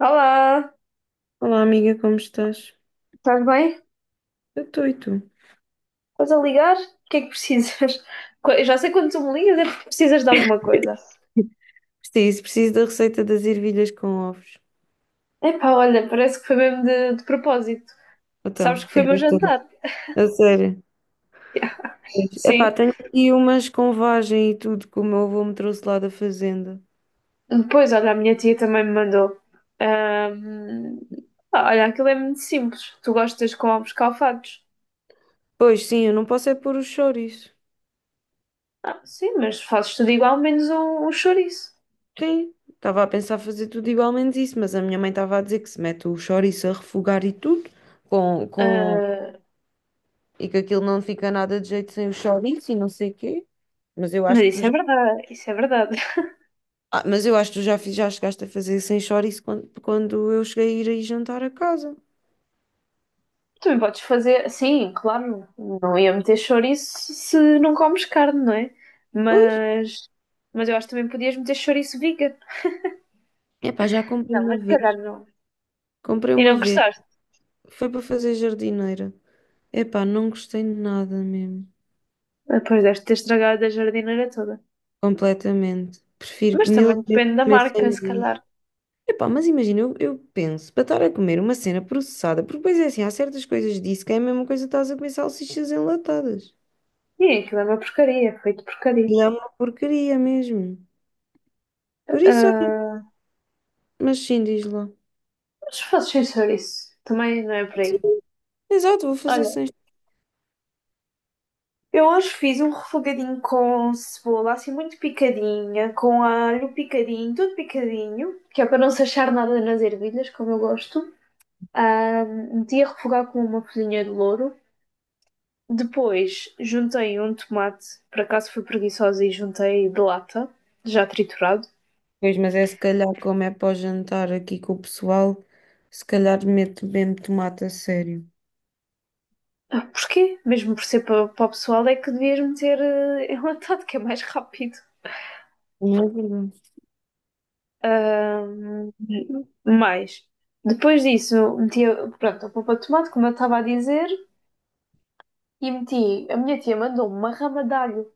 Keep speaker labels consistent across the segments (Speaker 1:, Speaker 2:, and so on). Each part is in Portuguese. Speaker 1: Olá,
Speaker 2: Olá, amiga, como estás?
Speaker 1: estás bem?
Speaker 2: Eu estou e tu?
Speaker 1: Estás a ligar? O que é que precisas? Eu já sei quando tu me ligas é porque precisas de alguma coisa.
Speaker 2: Preciso da receita das ervilhas com ovos.
Speaker 1: Epá, olha, parece que foi mesmo de propósito. Sabes
Speaker 2: Então,
Speaker 1: que foi o meu
Speaker 2: fizeste tudo.
Speaker 1: jantar.
Speaker 2: A sério.
Speaker 1: Yeah.
Speaker 2: Pois. Epá,
Speaker 1: Sim.
Speaker 2: tenho aqui umas com vagem e tudo que o meu avô me trouxe lá da fazenda.
Speaker 1: Depois, olha, a minha tia também me mandou. Ahm, pá, olha, aquilo é muito simples. Tu gostas com ovos calfados.
Speaker 2: Pois sim, eu não posso é pôr os chouriços.
Speaker 1: Ah, sim, mas fazes tudo igual, menos um chouriço.
Speaker 2: Sim, estava a pensar fazer tudo igualmente isso, mas a minha mãe estava a dizer que se mete o chouriço a refogar e tudo, com, com...
Speaker 1: Ah,
Speaker 2: e que aquilo não fica nada de jeito sem o chouriço e não sei o quê. Mas eu
Speaker 1: mas
Speaker 2: acho que tu
Speaker 1: isso é
Speaker 2: já.
Speaker 1: verdade, isso é verdade.
Speaker 2: Ah, mas eu acho que tu já chegaste a fazer sem chouriço quando, quando eu cheguei a ir aí jantar a casa.
Speaker 1: Também podes fazer, sim, claro, não ia meter chouriço se não comes carne, não é?
Speaker 2: Pois.
Speaker 1: Mas, mas eu acho que também podias meter chouriço vegan.
Speaker 2: Epá, já comprei
Speaker 1: Não,
Speaker 2: uma
Speaker 1: mas se
Speaker 2: vez.
Speaker 1: calhar não.
Speaker 2: Comprei
Speaker 1: E
Speaker 2: uma
Speaker 1: não
Speaker 2: vez.
Speaker 1: gostaste?
Speaker 2: Foi para fazer jardineira. Epá, não gostei de nada mesmo.
Speaker 1: Depois deves ter estragado a jardineira toda.
Speaker 2: Completamente. Prefiro
Speaker 1: Mas
Speaker 2: mil
Speaker 1: também
Speaker 2: vezes
Speaker 1: depende da
Speaker 2: comer
Speaker 1: marca,
Speaker 2: sem
Speaker 1: se
Speaker 2: nada.
Speaker 1: calhar.
Speaker 2: Epá, mas imagina, eu penso, para estar a comer uma cena processada, porque depois é assim, há certas coisas disso que é a mesma coisa que estás a comer salsichas enlatadas.
Speaker 1: E aquilo é uma porcaria, feito porcaria.
Speaker 2: E é uma porcaria mesmo. Por isso, olha,
Speaker 1: Ah,
Speaker 2: mas sim, diz lá.
Speaker 1: mas se fosses sem chouriço, também não é por
Speaker 2: Sim,
Speaker 1: aí.
Speaker 2: exato, vou fazer
Speaker 1: Olha,
Speaker 2: sem.
Speaker 1: eu hoje fiz um refogadinho com cebola, assim muito picadinha, com alho picadinho, tudo picadinho, que é para não se achar nada nas ervilhas, como eu gosto. Ah, meti a refogar com uma folhinha de louro. Depois juntei um tomate, por acaso fui preguiçosa e juntei de lata, já triturado.
Speaker 2: Pois, mas é se calhar como é para o jantar aqui com o pessoal, se calhar meto mesmo tomate a sério.
Speaker 1: Ah, porquê? Mesmo por ser para o pessoal, é que devias meter enlatado, que é mais rápido.
Speaker 2: Não é verdade?
Speaker 1: Mas mais. Depois disso, pronto, a polpa de tomate, como eu estava a dizer, e meti. A minha tia mandou-me uma rama de alho,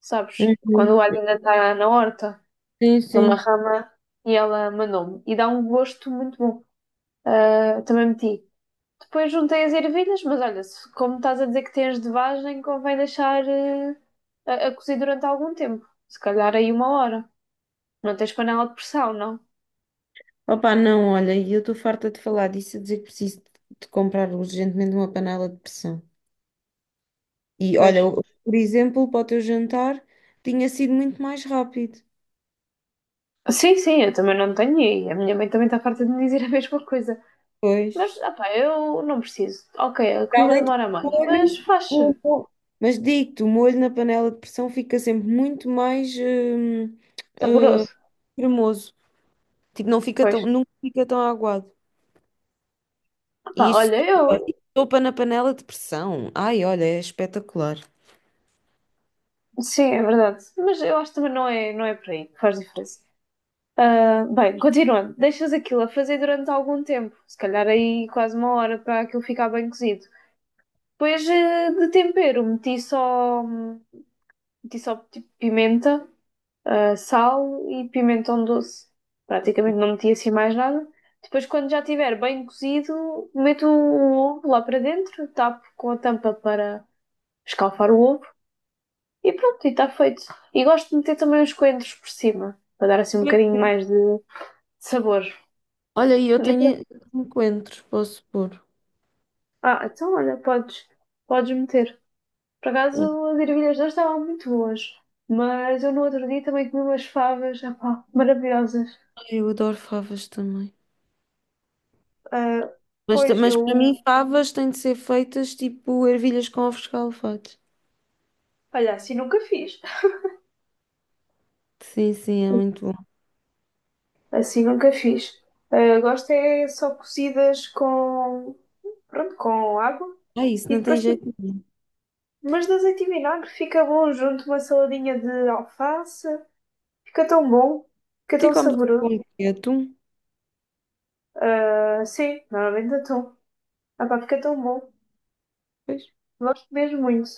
Speaker 1: sabes? Quando o
Speaker 2: Uhum.
Speaker 1: alho ainda está na horta,
Speaker 2: Sim,
Speaker 1: é uma
Speaker 2: sim.
Speaker 1: rama e ela mandou-me. E dá um gosto muito bom. Ah, também meti. Depois juntei as ervilhas, mas olha, se, como estás a dizer que tens de vagem, convém deixar a cozer durante algum tempo. Se calhar aí uma hora. Não tens panela de pressão, não?
Speaker 2: Opa, não, olha, e eu estou farta de falar disso, a dizer que preciso de comprar urgentemente uma panela de pressão. E
Speaker 1: Pois.
Speaker 2: olha, por exemplo, para o teu jantar tinha sido muito mais rápido.
Speaker 1: Sim, sim, eu também não tenho e a minha mãe também está farta de me dizer a mesma coisa.
Speaker 2: Pois.
Speaker 1: Mas, ah pá, eu não preciso. Ok, a
Speaker 2: Para
Speaker 1: comida
Speaker 2: além de que
Speaker 1: demora
Speaker 2: o
Speaker 1: mais, mas
Speaker 2: molho,
Speaker 1: faz-se.
Speaker 2: mas digo-te, o molho na panela de pressão fica sempre muito mais eh,
Speaker 1: Saboroso.
Speaker 2: cremoso. Tipo, não fica
Speaker 1: Pois.
Speaker 2: tão, nunca fica tão aguado.
Speaker 1: Ah pá,
Speaker 2: E isto
Speaker 1: olha, eu...
Speaker 2: sopa, isto sopa na panela de pressão. Ai, olha, é espetacular.
Speaker 1: Sim, é verdade. Mas eu acho que também não é por aí que faz diferença. Ah, bem, continuando. Deixas aquilo a fazer durante algum tempo. Se calhar aí quase uma hora para aquilo ficar bem cozido. Depois de tempero, meti só... Meti só tipo pimenta, sal e pimentão doce. Praticamente não meti assim mais nada. Depois, quando já estiver bem cozido, meto o ovo lá para dentro, tapo com a tampa para escalfar o ovo e pronto, e está feito. E gosto de meter também os coentros por cima, para dar assim um
Speaker 2: Sim.
Speaker 1: bocadinho mais de sabor.
Speaker 2: Olha, e eu
Speaker 1: E por-
Speaker 2: tenho coentros, posso pôr.
Speaker 1: Ah, então olha, podes, podes meter. Por acaso as ervilhas não estavam muito boas, mas eu no outro dia também comi umas favas, ah pá, maravilhosas.
Speaker 2: Ai, eu adoro favas também.
Speaker 1: Ah,
Speaker 2: Mas, ta-
Speaker 1: pois,
Speaker 2: mas para mim,
Speaker 1: eu
Speaker 2: favas têm de ser feitas tipo ervilhas com ovos escalfados.
Speaker 1: Olha, assim nunca fiz.
Speaker 2: Sim, sim, é muito bom.
Speaker 1: Assim nunca fiz. Ah, gosto é só cozidas com, pronto, com água
Speaker 2: Ah, isso
Speaker 1: e
Speaker 2: não tem
Speaker 1: depois,
Speaker 2: jeito
Speaker 1: tipo,
Speaker 2: nenhum.
Speaker 1: mas de azeite e vinagre fica bom junto uma saladinha de alface. Fica tão bom, fica
Speaker 2: Tu
Speaker 1: tão
Speaker 2: comes com
Speaker 1: saboroso.
Speaker 2: o quê? Atum?
Speaker 1: Ah, sim, normalmente atum. Ah, pá, fica tão bom.
Speaker 2: Pois.
Speaker 1: Gosto mesmo muito.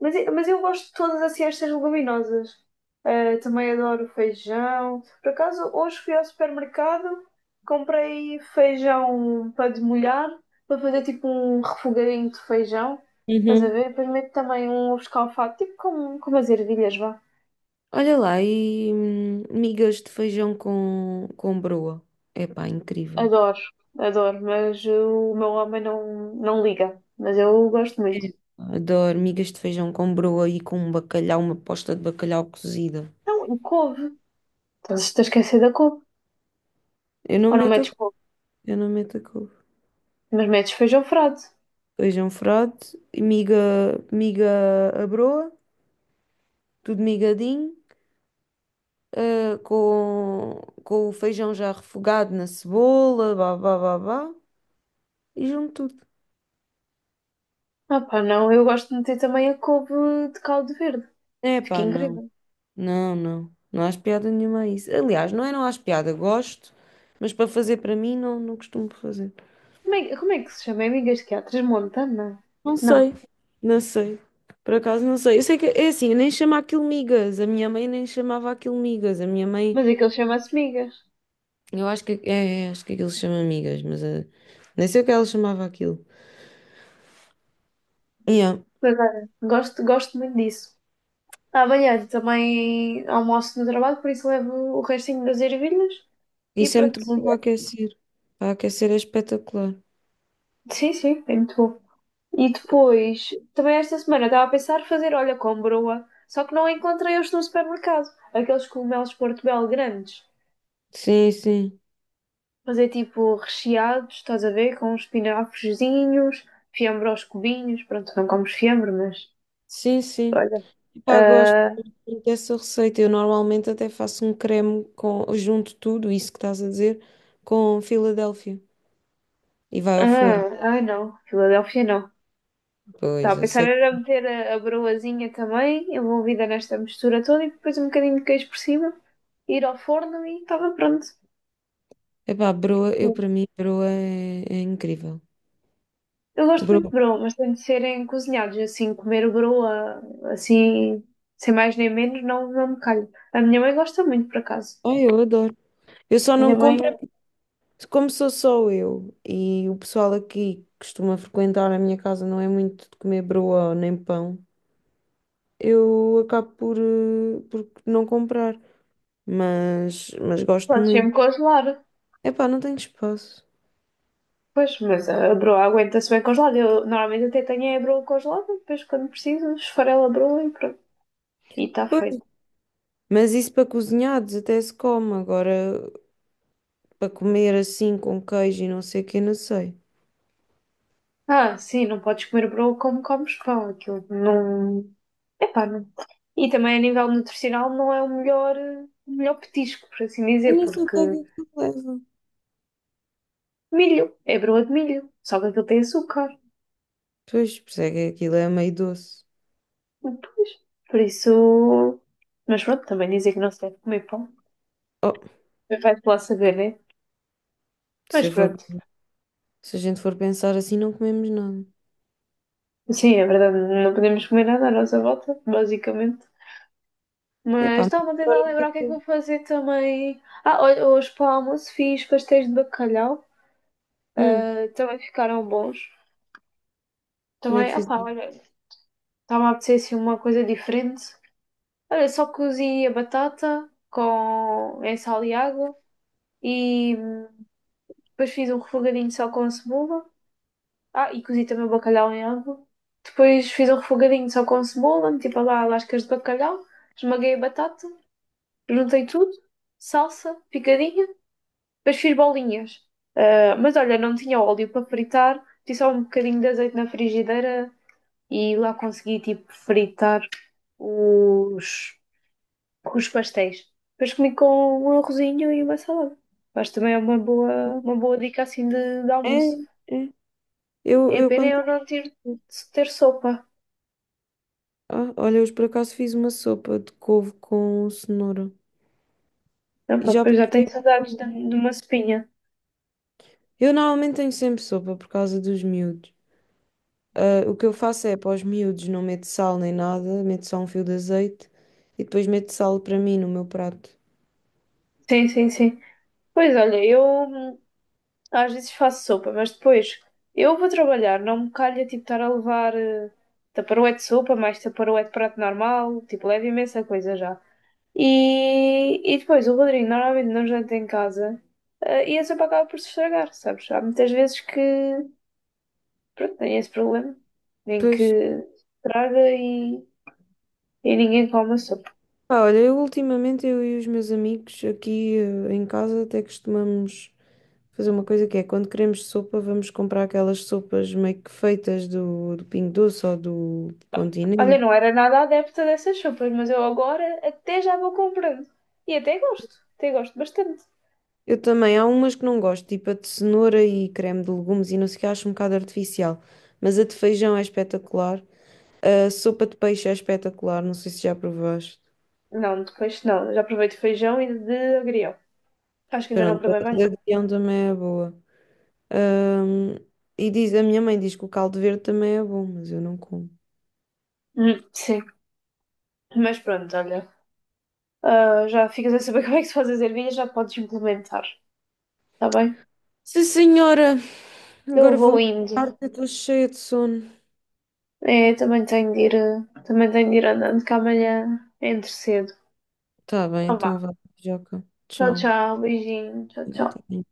Speaker 1: Mas eu gosto de todas assim, estas leguminosas. Eh, também adoro feijão. Por acaso, hoje fui ao supermercado, comprei feijão para demolhar, para fazer tipo um refogadinho de feijão. Estás a
Speaker 2: Uhum.
Speaker 1: ver? Depois meto também um ovo escalfado, tipo como as ervilhas, vá.
Speaker 2: Olha lá, e migas de feijão com broa. Epá, incrível.
Speaker 1: Adoro, adoro, mas o meu homem não liga. Mas eu gosto
Speaker 2: É.
Speaker 1: muito.
Speaker 2: Adoro migas de feijão com broa e com um bacalhau, uma posta de bacalhau cozida.
Speaker 1: Não, e couve. Estás a esquecer da couve.
Speaker 2: Eu não
Speaker 1: Ou não
Speaker 2: meto a
Speaker 1: metes
Speaker 2: couve,
Speaker 1: couve,
Speaker 2: eu não meto a couve.
Speaker 1: mas metes feijão frade.
Speaker 2: Feijão frade, e miga à broa, tudo migadinho, com o feijão já refogado na cebola, bá, bá, bá, bá, e junto tudo.
Speaker 1: Ah pá, não, eu gosto de meter também a couve de caldo verde.
Speaker 2: É
Speaker 1: Fica
Speaker 2: pá, não,
Speaker 1: incrível.
Speaker 2: não, não, não há piada nenhuma a isso. Aliás, não é não há piada, gosto, mas para fazer para mim não costumo fazer.
Speaker 1: Como é que se chama? É migas que há? Transmontana?
Speaker 2: Não
Speaker 1: Não,
Speaker 2: sei, não sei. Por acaso não sei. Eu sei que é assim, eu nem chamo aquilo migas. A minha mãe nem chamava aquilo migas.
Speaker 1: mas aquilo chama-se migas.
Speaker 2: Eu acho que aquilo se chama migas, mas nem sei o que ela chamava aquilo. Yeah.
Speaker 1: Mas olha, gosto, gosto muito disso. Ah, amanhã também almoço no trabalho, por isso levo o restinho das ervilhas e
Speaker 2: Isso é
Speaker 1: pronto.
Speaker 2: muito bom para aquecer. Para aquecer é espetacular.
Speaker 1: Sim, sim, é muito bom. E depois, também esta semana estava a pensar fazer, olha, com broa, só que não encontrei hoje no supermercado. Aqueles cogumelos Portobello grandes.
Speaker 2: Sim, sim.
Speaker 1: Fazer tipo recheados, estás a ver? Com uns espinafrezinhos, fiambre aos cubinhos. Pronto, não comes fiambre, mas
Speaker 2: Sim, sim.
Speaker 1: olha.
Speaker 2: Pá, gosto
Speaker 1: ah,
Speaker 2: muito dessa receita. Eu normalmente até faço um creme com, junto tudo, isso que estás a dizer, com Filadélfia. E vai ao forno.
Speaker 1: ai não, Filadélfia não. Estava
Speaker 2: Pois,
Speaker 1: a
Speaker 2: eu
Speaker 1: pensar
Speaker 2: sei.
Speaker 1: era meter a broazinha também, envolvida nesta mistura toda, e depois um bocadinho de queijo por cima, ir ao forno e estava pronto.
Speaker 2: Epá, broa, eu
Speaker 1: Sim.
Speaker 2: para mim, broa é incrível.
Speaker 1: Eu gosto muito
Speaker 2: Broa,
Speaker 1: de broa, mas tem de serem cozinhados, assim, comer broa, assim, sem mais nem menos, não me calho. A minha mãe gosta muito, por acaso.
Speaker 2: ai, eu adoro. Eu só
Speaker 1: A
Speaker 2: não
Speaker 1: minha mãe
Speaker 2: compro como sou só eu e o pessoal aqui que costuma frequentar a minha casa não é muito de comer broa nem pão. Eu acabo por não comprar, mas gosto
Speaker 1: pode sempre
Speaker 2: muito.
Speaker 1: congelar.
Speaker 2: Epá, não tenho espaço.
Speaker 1: Pois, mas a broa aguenta-se bem congelada. Eu normalmente até tenho a broa congelada, depois quando preciso, esfarela a broa e pronto. E está
Speaker 2: Pois,
Speaker 1: feito.
Speaker 2: mas isso para cozinhados até se come, agora para comer assim com queijo e não sei o que, não sei.
Speaker 1: Ah, sim, não podes comer broa como comes pão. Aquilo não. Epá, não. E também a nível nutricional não é o melhor, o melhor petisco, por assim
Speaker 2: Eu
Speaker 1: dizer,
Speaker 2: nem sei o
Speaker 1: porque
Speaker 2: que é que aquilo leva.
Speaker 1: milho, é broa de milho, só que aquilo tem açúcar.
Speaker 2: Pois, por isso é que aquilo é meio doce.
Speaker 1: Pois, por isso. Mas pronto, também dizer que não se deve comer pão.
Speaker 2: Oh,
Speaker 1: Vai-te lá saber, né?
Speaker 2: se
Speaker 1: Mas
Speaker 2: eu for,
Speaker 1: pronto.
Speaker 2: se a gente for pensar assim, não comemos nada.
Speaker 1: Sim, é verdade, não podemos comer nada à nossa volta, basicamente. Mas
Speaker 2: Epá,
Speaker 1: estava
Speaker 2: mas
Speaker 1: a tentar
Speaker 2: agora
Speaker 1: lembrar o que é que
Speaker 2: fiquei.
Speaker 1: vou fazer também. Ah, olha, hoje para o almoço fiz pastéis de bacalhau.
Speaker 2: Hum,
Speaker 1: Ah, também ficaram bons.
Speaker 2: como é
Speaker 1: Também,
Speaker 2: que
Speaker 1: ah
Speaker 2: fiz?
Speaker 1: pá, olha, estava a apetecer assim uma coisa diferente. Olha, só cozi a batata com em sal e água e depois fiz um refogadinho só com cebola. Ah, e cozi também o bacalhau em água. Depois fiz um refogadinho só com cebola, meti para lá lascas de bacalhau, esmaguei a batata, juntei tudo, salsa, picadinho. Depois fiz bolinhas. Ah, mas olha, não tinha óleo para fritar, tinha só um bocadinho de azeite na frigideira e lá consegui tipo fritar os, os pastéis. Depois comi com um arrozinho e uma salada. Mas também é uma boa dica assim de
Speaker 2: É,
Speaker 1: almoço.
Speaker 2: é. Eu,
Speaker 1: É
Speaker 2: eu
Speaker 1: pena
Speaker 2: quando.
Speaker 1: eu não ter, ter sopa.
Speaker 2: Ah, olha, hoje por acaso fiz uma sopa de couve com cenoura.
Speaker 1: Não,
Speaker 2: E
Speaker 1: pá,
Speaker 2: já.
Speaker 1: pois já tenho saudades de uma sopinha.
Speaker 2: Eu normalmente tenho sempre sopa por causa dos miúdos. Ah, o que eu faço é para os miúdos não meto sal nem nada, meto só um fio de azeite e depois meto sal para mim no meu prato.
Speaker 1: Sim, sim, sim. Pois olha, eu às vezes faço sopa, mas depois eu vou trabalhar, não me calha tipo estar a levar taparoé de sopa, mais taparoé de prato normal, tipo, leva imensa coisa já. E depois o Rodrigo normalmente não janta em casa, e a sopa acaba por se estragar, sabes? Há muitas vezes que, pronto, tem esse problema, em que
Speaker 2: Pois.
Speaker 1: estraga e ninguém come a sopa.
Speaker 2: Pá, olha, eu ultimamente eu e os meus amigos aqui em casa até costumamos fazer uma coisa que é quando queremos sopa, vamos comprar aquelas sopas meio que feitas do Pingo Doce ou do
Speaker 1: Olha,
Speaker 2: Continente.
Speaker 1: não era nada adepta dessas sopas, mas eu agora até já vou comprando. E até gosto bastante.
Speaker 2: Eu também, há umas que não gosto, tipo a de cenoura e creme de legumes e não sei o que, acho um bocado artificial. Mas a de feijão é espetacular. A sopa de peixe é espetacular, não sei se já provaste.
Speaker 1: Não, depois não. Eu já provei de feijão e de agrião. Acho que ainda não
Speaker 2: Pronto, a
Speaker 1: provei bem.
Speaker 2: da guião também é boa. Ahm, a minha mãe diz que o caldo verde também é bom, mas eu não como.
Speaker 1: Sim. Mas pronto, olha. Ah, já ficas a saber como é que se faz as ervilhas, já podes implementar, está bem?
Speaker 2: Sim, senhora,
Speaker 1: Eu
Speaker 2: agora
Speaker 1: vou
Speaker 2: vou-me
Speaker 1: indo.
Speaker 2: deitar que eu estou cheia de sono.
Speaker 1: É, também tenho de ir, também tenho de ir andando, que amanhã é entre cedo.
Speaker 2: Tá bem,
Speaker 1: Então
Speaker 2: então
Speaker 1: vá.
Speaker 2: vá, Joca.
Speaker 1: Tchau,
Speaker 2: Tchau.
Speaker 1: tchau. Beijinho. Tchau,
Speaker 2: Tá
Speaker 1: tchau.
Speaker 2: bem.